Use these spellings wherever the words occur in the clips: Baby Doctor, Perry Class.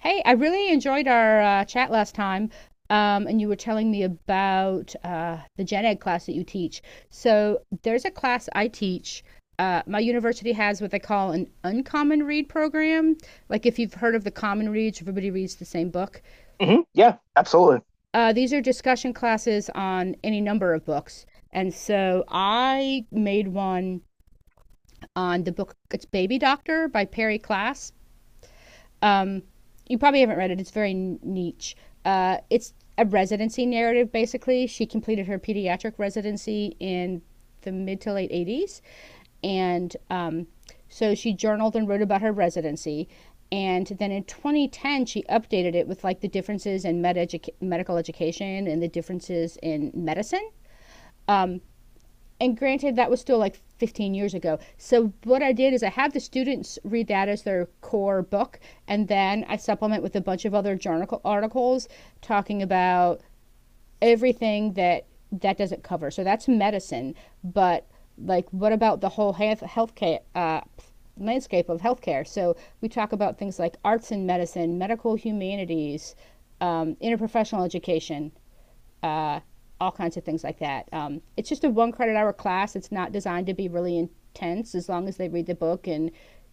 Hey, I really enjoyed our chat last time, and you were telling me about the gen ed class that you teach. So there's a class I teach. My university has what they call an uncommon read program. Like if you've heard of the common reads, everybody reads the same book. Yeah, absolutely. These are discussion classes on any number of books. And so I made one on the book, it's Baby Doctor by Perry Class. Um, you probably haven't read it. It's very niche. It's a residency narrative, basically. She completed her pediatric residency in the mid to late 80s. And So she journaled and wrote about her residency. And then in 2010, she updated it with like the differences in medical education and the differences in medicine. And granted, that was still like 15 years ago. So what I did is I have the students read that as their core book, and then I supplement with a bunch of other journal articles talking about everything that doesn't cover. So that's medicine, but like what about the whole healthcare landscape of healthcare? So we talk about things like arts and medicine, medical humanities, interprofessional education, uh, all kinds of things like that. It's just a one credit hour class. It's not designed to be really intense. As long as they read the book and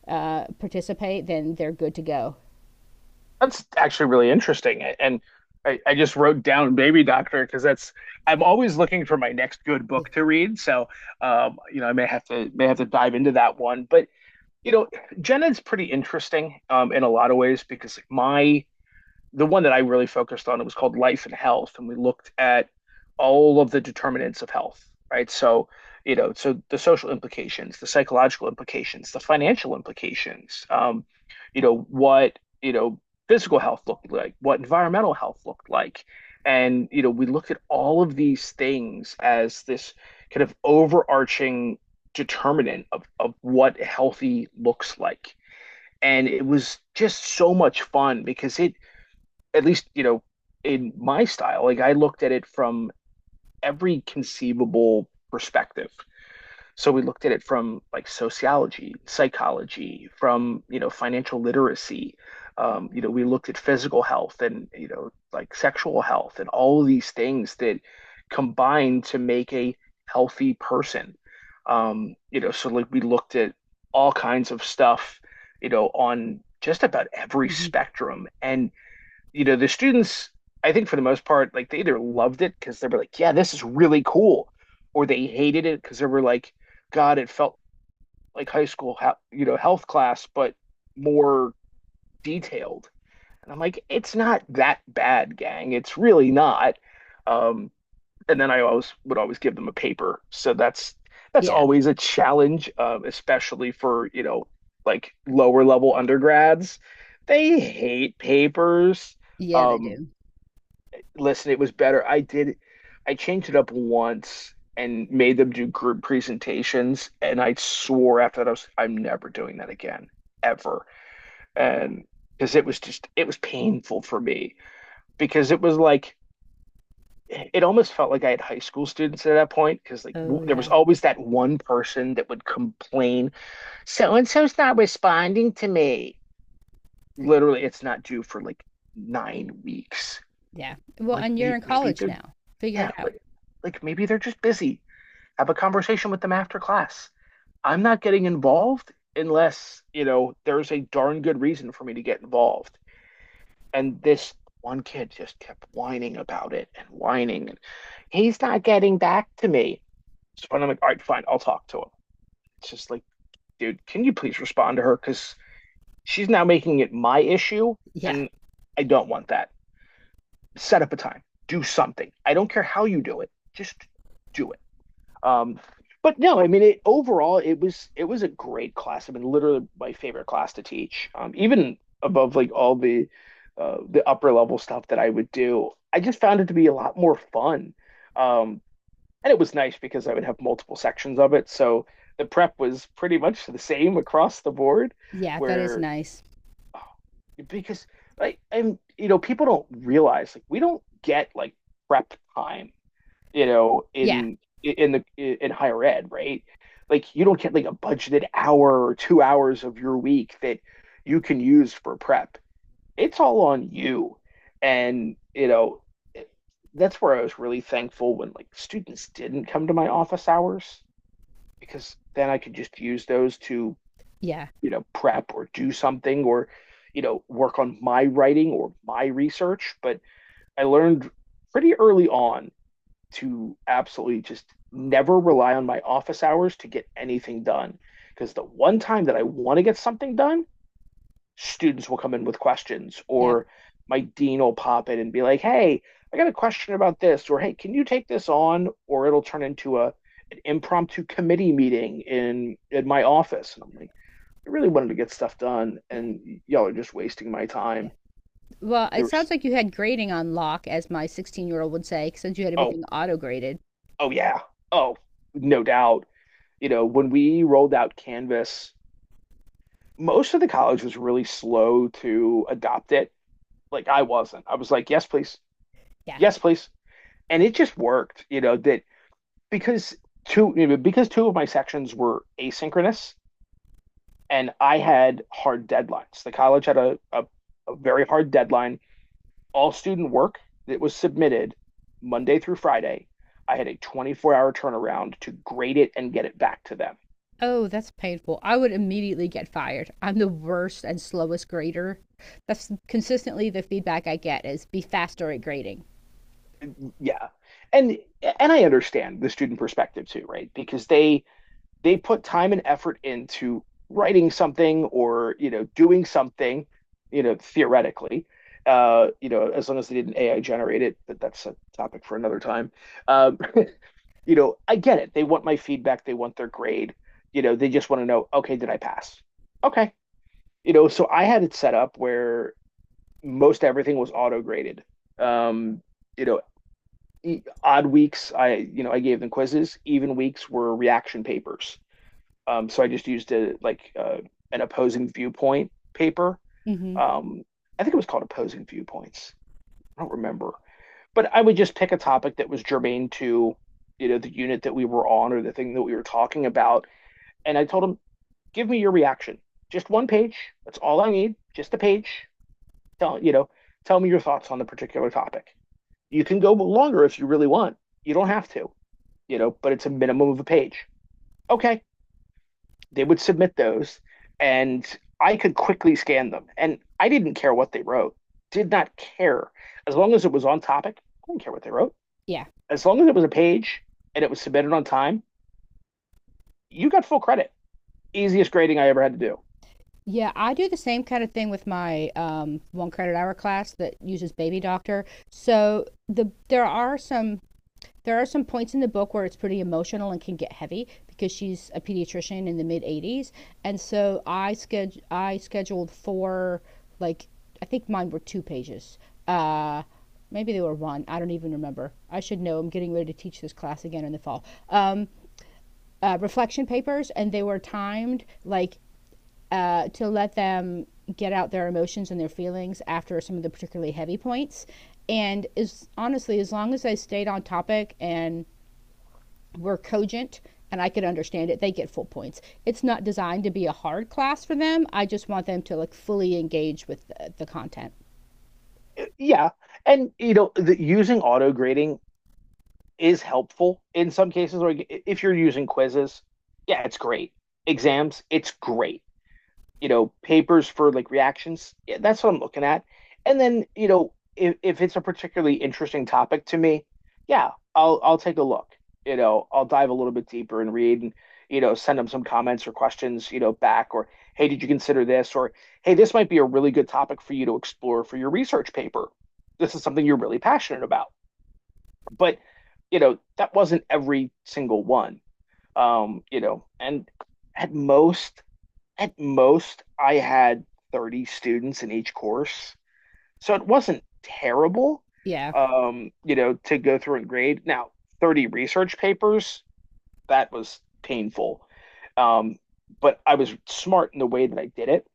participate, then they're good to go. That's actually really interesting. And I just wrote down Baby Doctor because that's I'm always looking for my next good book to read. So you know, I may have to dive into that one. But you know, Jenna's pretty interesting in a lot of ways because like my the one that I really focused on, it was called Life and Health, and we looked at all of the determinants of health, right? So, you know, so the social implications, the psychological implications, the financial implications, you know, what, you know, physical health looked like, what environmental health looked like. And, you know, we looked at all of these things as this kind of overarching determinant of what healthy looks like. And it was just so much fun because it, at least you know, in my style, like I looked at it from every conceivable perspective. So we looked at it from like sociology, psychology, from you know financial literacy, you know, we looked at physical health and you know like sexual health and all of these things that combine to make a healthy person. You know, so like we looked at all kinds of stuff, you know, on just about every hmm spectrum. And you know, the students, I think for the most part, like they either loved it because they were like, yeah, this is really cool, or they hated it because they were like, God, it felt like high school, you know, health class, but more detailed. And I'm like, it's not that bad, gang. It's really not. Um, and then I always would always give them a paper. So that's Yeah. always a challenge, especially for, you know, like lower level undergrads. They hate papers. Yeah, they Um, do. listen, it was better. I changed it up once and made them do group presentations, and I swore after that I'm never doing that again, ever. And because it was just, it was painful for me because it was like, it almost felt like I had high school students at that point because like Oh, w there was yeah. always that one person that would complain, so and so's not responding to me. Literally, it's not due for like 9 weeks. Yeah. Well, Like and you're maybe, in maybe college they're now. Figure it Yeah, out. like maybe they're just busy. Have a conversation with them after class. I'm not getting involved unless, you know, there's a darn good reason for me to get involved. And this one kid just kept whining about it and whining and he's not getting back to me. So I'm like, all right, fine, I'll talk to him. It's just like, dude, can you please respond to her? Because she's now making it my issue, Yeah. and I don't want that. Set up a time, do something. I don't care how you do it, just do it. Um, but no, I mean, overall, it was a great class. I mean, literally my favorite class to teach. Even above like all the upper level stuff that I would do, I just found it to be a lot more fun. Um, and it was nice because I would have multiple sections of it, so the prep was pretty much the same across the board. Yeah, that is Where nice. because like I'm, you know, people don't realize like we don't get like prep time, you know, Yeah. In higher ed, right? Like you don't get like a budgeted hour or 2 hours of your week that you can use for prep. It's all on you. And, you know, it- that's where I was really thankful when like students didn't come to my office hours, because then I could just use those to, Yeah. you know, prep or do something or, you know, work on my writing or my research. But I learned pretty early on to absolutely just never rely on my office hours to get anything done. Because the one time that I want to get something done, students will come in with questions, Yep. or my dean will pop in and be like, hey, I got a question about this, or hey, can you take this on? Or it'll turn into a an impromptu committee meeting in my office. And I'm like, I really wanted to get stuff done, Yeah. and y'all are just wasting my Yeah. time. Well, it There was sounds like you had grading on lock, as my 16-year-old would say, since you had oh, everything auto graded. oh yeah, oh, no doubt. You know, when we rolled out Canvas, most of the college was really slow to adopt it. Like I wasn't. I was like, yes, please, Yeah. yes, please, and it just worked. You know that because two of my sections were asynchronous, and I had hard deadlines. The college had a very hard deadline. All student work that was submitted Monday through Friday, I had a 24-hour turnaround to grade it and get it back to them. Oh, that's painful. I would immediately get fired. I'm the worst and slowest grader. That's consistently the feedback I get is be faster at grading. Yeah, and I understand the student perspective too, right? Because they put time and effort into writing something, or you know, doing something, you know, theoretically, you know, as long as they didn't AI generate it, but that's a topic for another time. um you know, I get it, they want my feedback, they want their grade. You know, they just want to know, okay, did I pass? Okay. You know, so I had it set up where most everything was auto graded. um you know, odd weeks I, you know, I gave them quizzes, even weeks were reaction papers. So I just used a, like an opposing viewpoint paper. hmm Um, I think it was called opposing viewpoints. I don't remember, but I would just pick a topic that was germane to, you know, the unit that we were on or the thing that we were talking about, and I told them, give me your reaction, just one page. That's all I need, just a page. Tell, you know, tell me your thoughts on the particular topic. You can go longer if you really want. You don't have to, you know, but it's a minimum of a page. Okay, they would submit those, and I could quickly scan them. And I didn't care what they wrote, did not care. As long as it was on topic, I didn't care what they wrote. Yeah. As long as it was a page and it was submitted on time, you got full credit. Easiest grading I ever had to do. Yeah, I do the same kind of thing with my one credit hour class that uses Baby Doctor. So the there are some There are some points in the book where it's pretty emotional and can get heavy because she's a pediatrician in the mid 80s. And so I scheduled four, like, I think mine were two pages. Uh Maybe they were one. I don't even remember. I should know. I'm getting ready to teach this class again in the fall. Reflection papers, and they were timed like to let them get out their emotions and their feelings after some of the particularly heavy points. And is honestly, as long as I stayed on topic and were cogent and I could understand it, they get full points. It's not designed to be a hard class for them. I just want them to like fully engage with the content. Yeah. And, you know, using auto grading is helpful in some cases. Like if you're using quizzes, yeah, it's great. Exams, it's great. You know, papers for like reactions. Yeah, that's what I'm looking at. And then, you know, if it's a particularly interesting topic to me, yeah, I'll take a look. You know, I'll dive a little bit deeper and read and, you know, send them some comments or questions, you know, back. Or hey, did you consider this? Or hey, this might be a really good topic for you to explore for your research paper. This is something you're really passionate about. But, you know, that wasn't every single one. You know, and at most at most I had 30 students in each course. So it wasn't terrible, Yeah. You know, to go through and grade. Now, 30 research papers, that was painful. Um, but I was smart in the way that I did it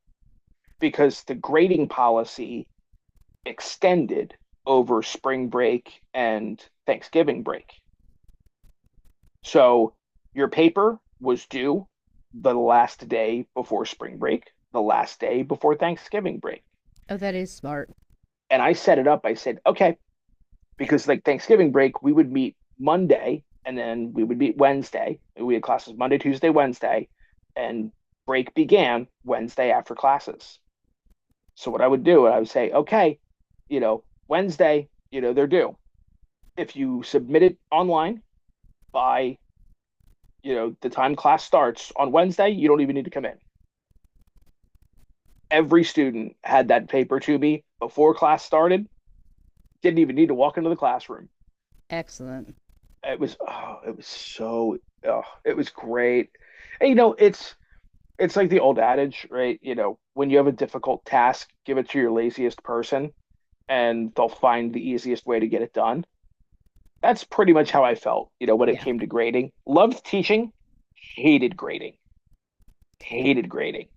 because the grading policy extended over spring break and Thanksgiving break. So your paper was due the last day before spring break, the last day before Thanksgiving break. Oh, that is smart. And I set it up. I said, okay, because like Thanksgiving break, we would meet Monday and then we would meet Wednesday. We had classes Monday, Tuesday, Wednesday, and break began Wednesday after classes. So what I would do, I would say, okay, you know, Wednesday, you know, they're due. If you submit it online by, you know, the time class starts on Wednesday, you don't even need to come in. Every student had that paper to me before class started. Didn't even need to walk into the classroom. Excellent. It was oh, it was great. And you know, it's like the old adage, right? You know, when you have a difficult task, give it to your laziest person and they'll find the easiest way to get it done. That's pretty much how I felt, you know, when it Yeah. came to grading. Loved teaching, hated grading, hated grading.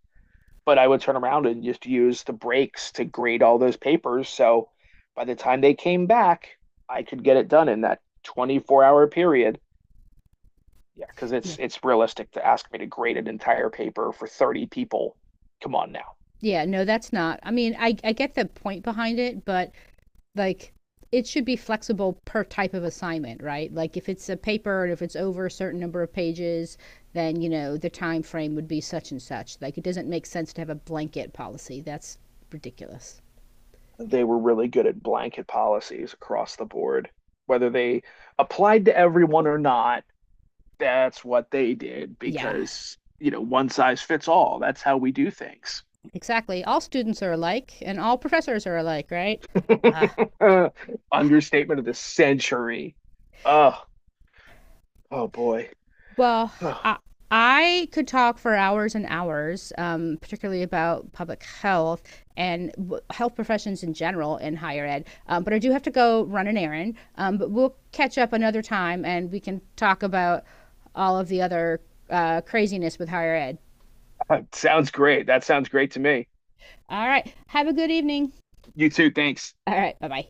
But I would turn around and just use the breaks to grade all those papers. So by the time they came back, I could get it done in that 24-hour period. Yeah, because Yeah. It's realistic to ask me to grade an entire paper for 30 people. Come on now. Yeah. No, that's not. I mean, I get the point behind it, but like it should be flexible per type of assignment, right? Like if it's a paper and if it's over a certain number of pages, then you know the time frame would be such and such. Like it doesn't make sense to have a blanket policy. That's ridiculous. They were really good at blanket policies across the board. Whether they applied to everyone or not, that's what they did Yeah. because, you know, one size fits all. That's how we do things. Exactly. All students are alike and all professors are alike, right? Uh, Understatement of the century. Oh, oh boy. Well, I, Oh, I could talk for hours and hours, particularly about public health and health professions in general in higher ed. But I do have to go run an errand. But we'll catch up another time and we can talk about all of the other craziness with higher ed. sounds great. That sounds great to me. All right. Have a good evening. You too. Thanks. All right. Bye bye.